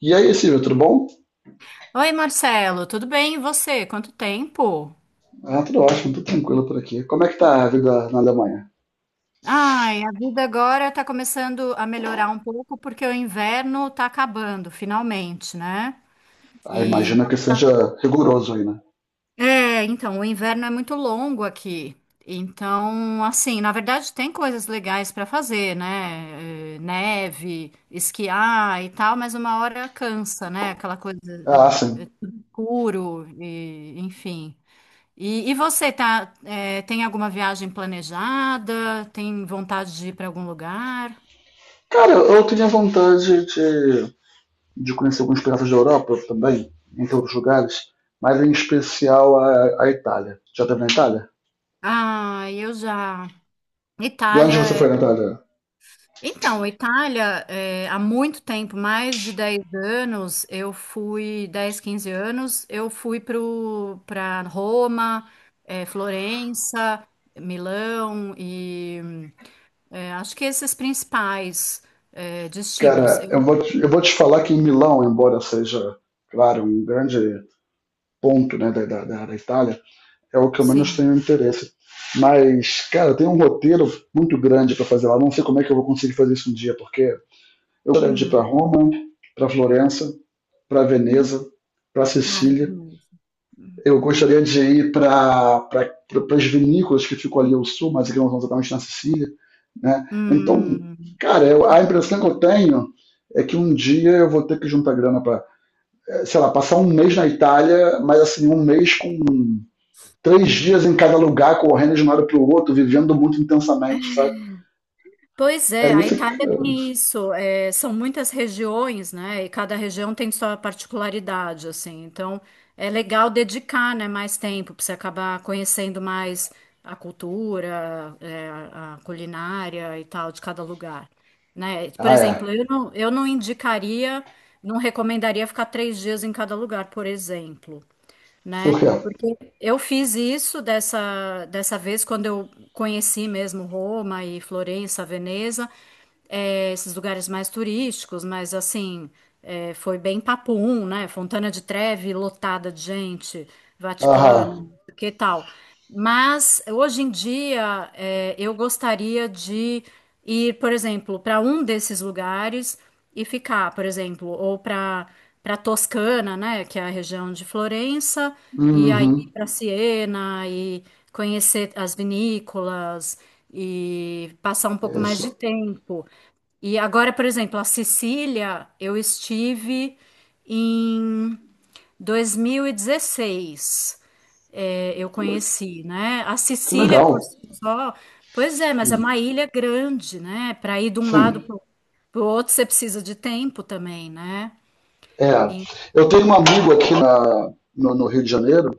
E aí, Silvio, tudo bom? Oi, Marcelo, tudo bem? E você? Quanto tempo? Ah, tudo ótimo, tudo tranquilo por aqui. Como é que tá a vida na Alemanha? Ai, a vida agora tá começando a melhorar um pouco porque o inverno tá acabando, finalmente, né? Ah, E imagina que seja rigoroso aí, né? então, o inverno é muito longo aqui. Então, assim, na verdade tem coisas legais para fazer, né? Neve, esquiar e tal, mas uma hora cansa, né? Aquela coisa Ah, sim. tudo escuro e enfim. E você tá, tem alguma viagem planejada? Tem vontade de ir para algum lugar? Cara, eu tinha vontade de conhecer alguns pedaços da Europa também, entre outros lugares, mas em especial a Itália. Já teve na Itália? Ah, eu já. E Itália. onde você foi é- na Itália? Então, Itália, há muito tempo, mais de 10 anos, eu fui, 10, 15 anos, para Roma, Florença, Milão e acho que esses principais destinos. Cara, eu vou te falar que em Milão, embora seja, claro, um grande ponto, né, da Itália, é o que eu menos Sim. tenho interesse. Mas, cara, tem um roteiro muito grande para fazer lá. Não sei como é que eu vou conseguir fazer isso um dia, porque eu gostaria de ir para Hum. Roma, para Florença, para Veneza, para Ai, que Sicília. delícia. Eu gostaria de ir para as vinícolas que ficam ali ao sul, mas que não são exatamente na Sicília. Né? Então, Hum. cara, eu, a impressão que eu tenho é que um dia eu vou ter que juntar grana para, sei lá, passar um mês na Itália, mas assim, um mês com 3 dias em cada lugar, correndo de um lado para o outro, vivendo muito intensamente, sabe? Pois É é, a isso que. Itália tem isso, são muitas regiões, né? E cada região tem sua particularidade, assim. Então, é legal dedicar, né, mais tempo para você acabar conhecendo mais a cultura, a culinária e tal de cada lugar, né? Por Ah, exemplo, é. Eu não indicaria, não recomendaria ficar três dias em cada lugar, por exemplo, né? Por quê? Eu fiz isso dessa vez quando eu conheci mesmo Roma e Florença, Veneza esses lugares mais turísticos, mas assim, foi bem papum, né? Fontana de Trevi lotada de gente, Aham. Vaticano, que tal? Mas hoje em dia, eu gostaria de ir, por exemplo, para um desses lugares e ficar, por exemplo, ou para para Toscana, né, que é a região de Florença, e Uhum. aí para Siena e conhecer as vinícolas e passar um pouco mais Isso. de tempo. E agora, por exemplo, a Sicília, eu estive em 2016, eu conheci, né? A Que Sicília legal. por si só, pois é, mas é Hum. uma ilha grande, né? Para ir de um lado Sim. para o outro, você precisa de tempo também, né? É. E- Eu tenho um amigo aqui na, no, no, Rio de Janeiro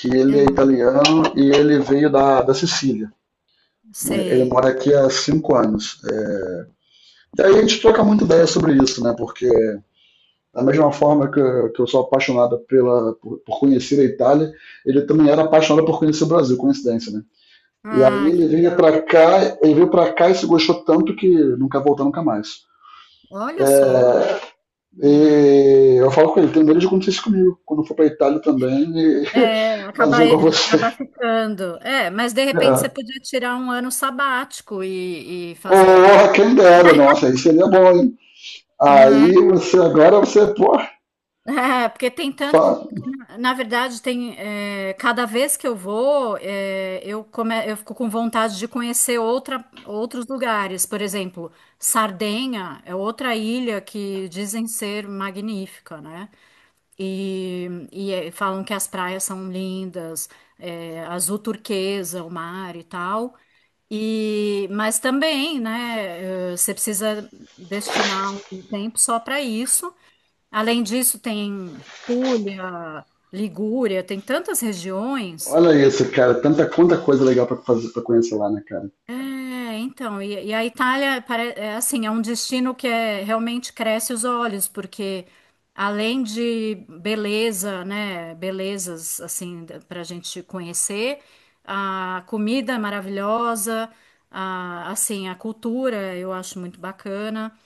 que ele é ah, italiano e ele veio da Sicília. Né? Ele sei. mora aqui há 5 anos. É... E aí a gente troca muita ideia sobre isso, né? Porque da mesma forma que eu sou apaixonado por conhecer a Itália, ele também era apaixonado por conhecer o Brasil, coincidência, né? E aí Ah, que ele veio para legal. cá, ele veio para cá e se gostou tanto que nunca voltou nunca mais. Olha só. É, Ah, e eu falo com ele, tem medo de acontecer isso comigo, quando eu for pra Itália também e é, fazer igual você. acabar ficando. É, mas de repente você É. podia tirar um ano sabático e fazer. Oh, quem dera, nossa, aí seria bom, hein? Não é? Aí você agora você, pô, É, porque tem tanto. fa- Na verdade, tem. Cada vez que eu vou, eu fico com vontade de conhecer outros lugares. Por exemplo, Sardenha é outra ilha que dizem ser magnífica, né? E falam que as praias são lindas, azul turquesa, o mar e tal. E, mas também, né, você precisa destinar um tempo só para isso. Além disso, tem Puglia, Ligúria, tem tantas regiões. olha isso, cara, tanta quanta coisa legal pra fazer para conhecer lá, né, cara? É, então, e a Itália é assim, é um destino que realmente cresce os olhos, porque além de beleza, né, belezas assim para a gente conhecer, a comida é maravilhosa, assim, a cultura eu acho muito bacana.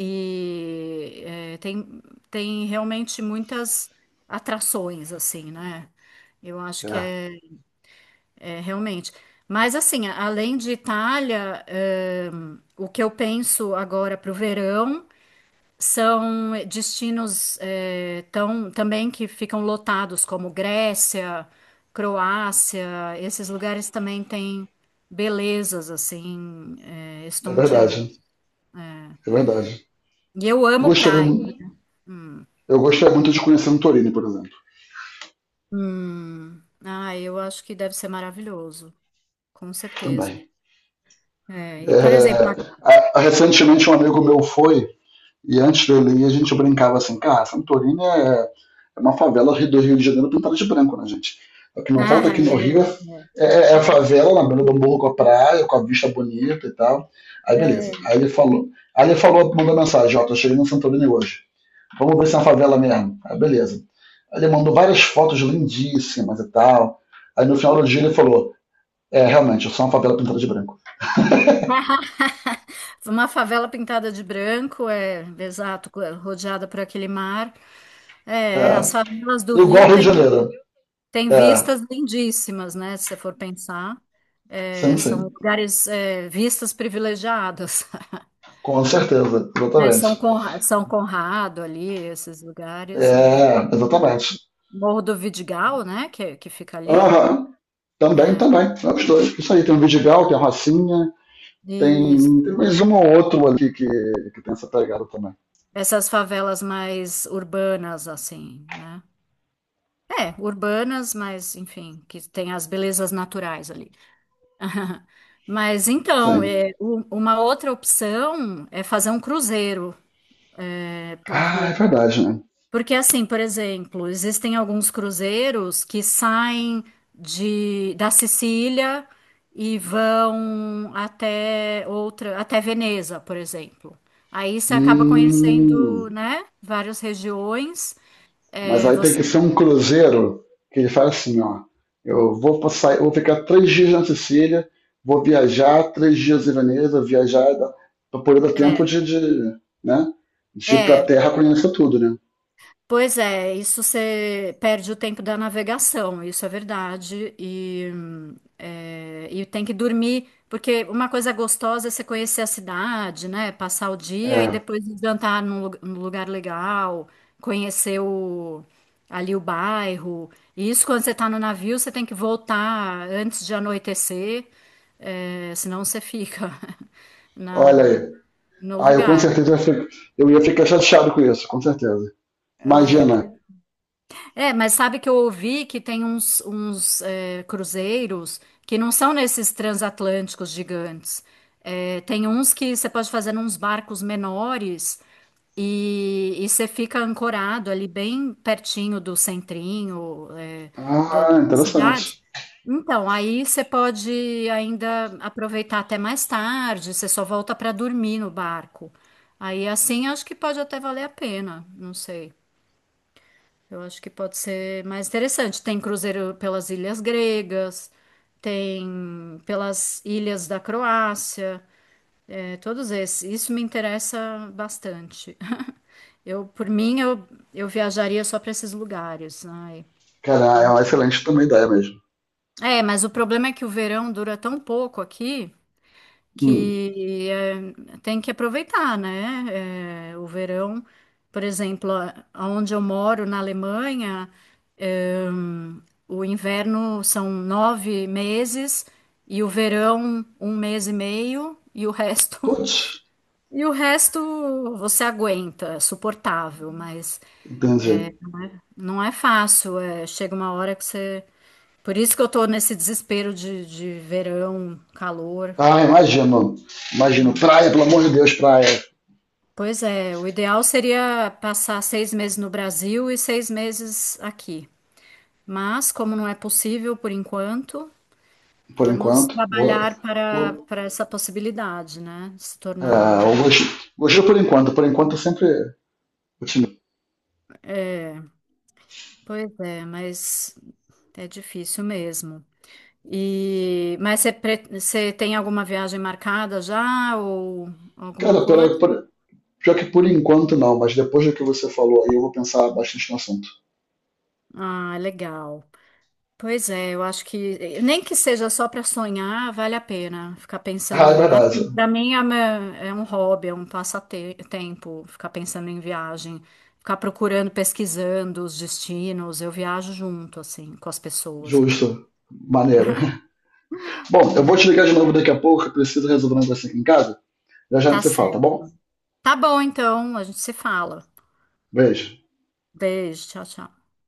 E é, tem, tem realmente muitas atrações, assim, né? Eu acho que É. É realmente. Mas, assim, além de Itália, o que eu penso agora para o verão são destinos também que ficam lotados, como Grécia, Croácia, esses lugares também têm belezas, assim, É verdade, estonteantes. é verdade. E eu Eu amo gostaria, praia. mu- Hum. eu gostaria muito de conhecer Santorini, por exemplo, Ah, eu acho que deve ser maravilhoso, com certeza. também. É, e, por exemplo, É, recentemente um amigo meu foi, e antes dele ir, a gente brincava assim, cara, Santorini é uma favela do Rio de Janeiro pintada de branco, né, gente? O que não falta ah, aqui no Rio é, é a favela na beira do morro com a praia, com a vista bonita e tal. Aí beleza. é. Aí ele falou, mandou mensagem, ó, tô chegando em Santorini hoje. Vamos ver se é uma favela mesmo. Ah, beleza. Ele mandou várias fotos lindíssimas e tal. Aí no final do dia ele falou: é, realmente, eu sou uma favela pintada de branco. Uma favela pintada de branco, é, exato, rodeada por aquele mar. É, É, as favelas do igual Rio ao Rio de têm Janeiro. têm É, vistas lindíssimas, né? Se você for pensar, é, sim, são sim. lugares, vistas privilegiadas. Com certeza, Né? exatamente. São Conrado ali, esses lugares. É. É, exatamente. Morro do Vidigal, né? Que fica ali. Aham. Também, É. também. É os dois. Isso aí, tem o Vidigal, tem a Rocinha, tem, tem Isso. mais um ou outro ali que tem essa pegada também. Essas favelas mais urbanas, assim, né? É, urbanas, mas enfim, que tem as belezas naturais ali. Mas então, Sim. Uma outra opção é fazer um cruzeiro, é, Ah, é porque, verdade, né? porque assim, por exemplo, existem alguns cruzeiros que saem da Sicília e vão até até Veneza, por exemplo. Aí você acaba conhecendo, Hum. né, várias regiões. Mas É, aí tem você. que ser um cruzeiro que ele fala assim, ó. Eu vou passar, eu vou ficar 3 dias na Sicília, vou viajar 3 dias em Veneza, viajar para poder dar tempo É, de né, de ir para a é, Terra conhecer tudo, né? pois é, isso você perde o tempo da navegação, isso é verdade. E tem que dormir, porque uma coisa gostosa é você conhecer a cidade, né? Passar o dia e É, depois jantar num lugar legal, conhecer ali o bairro. E isso quando você está no navio, você tem que voltar antes de anoitecer, senão você fica olha na, aí. no Ah, eu com lugar. certeza ia fi- eu ia ficar chateado com isso, com certeza. Ai, Imagina. é, mas sabe que eu ouvi que tem cruzeiros que não são nesses transatlânticos gigantes. É, tem uns que você pode fazer uns barcos menores e você fica ancorado ali bem pertinho do centrinho, Ah, da interessante. cidade. Então, aí você pode ainda aproveitar até mais tarde, você só volta para dormir no barco. Aí assim acho que pode até valer a pena, não sei. Eu acho que pode ser mais interessante. Tem cruzeiro pelas ilhas gregas, tem pelas ilhas da Croácia, todos esses. Isso me interessa bastante. Eu, por mim, eu viajaria só para esses lugares. Ai, Cara, é muito... uma excelente também ideia mesmo. É, mas o problema é que o verão dura tão pouco aqui Hum. que tem que aproveitar, né? Eh, o verão, por exemplo, a- aonde eu moro na Alemanha, eh, o inverno são nove meses e o verão um mês e meio e o resto Putz, e o resto você aguenta, é suportável, mas entendi. não é fácil. Chega uma hora que você por isso que eu tô nesse desespero de verão, calor. Ah, imagino. Imagino. Praia, pelo amor de Deus, praia. Pois é, o ideal seria passar seis meses no Brasil e seis meses aqui. Mas, como não é possível por enquanto, Por vamos enquanto. Boa, trabalhar boa. para essa possibilidade, né? De se Ah, tornar. o Gojira, por enquanto eu sempre otimista. Pois é, mas é difícil mesmo. E, mas você tem alguma viagem marcada já ou alguma Cara, coisa? Pera, pior que por enquanto não, mas depois do que você falou aí eu vou pensar bastante no assunto. Ah, legal. Pois é, eu acho que nem que seja só para sonhar, vale a pena ficar Ah, é pensando. verdade. Para mim é um hobby, é um passatempo, ficar pensando em viagem, ficar procurando, pesquisando os destinos. Eu viajo junto, assim, com as pessoas e tal. Justo. Maneiro. Bom, eu vou Né? te ligar de novo daqui a pouco, eu preciso resolver um negócio aqui em casa. Já já a gente Tá se fala, tá certo. bom? Tá bom, então, a gente se fala. Beijo. Beijo, tchau, tchau.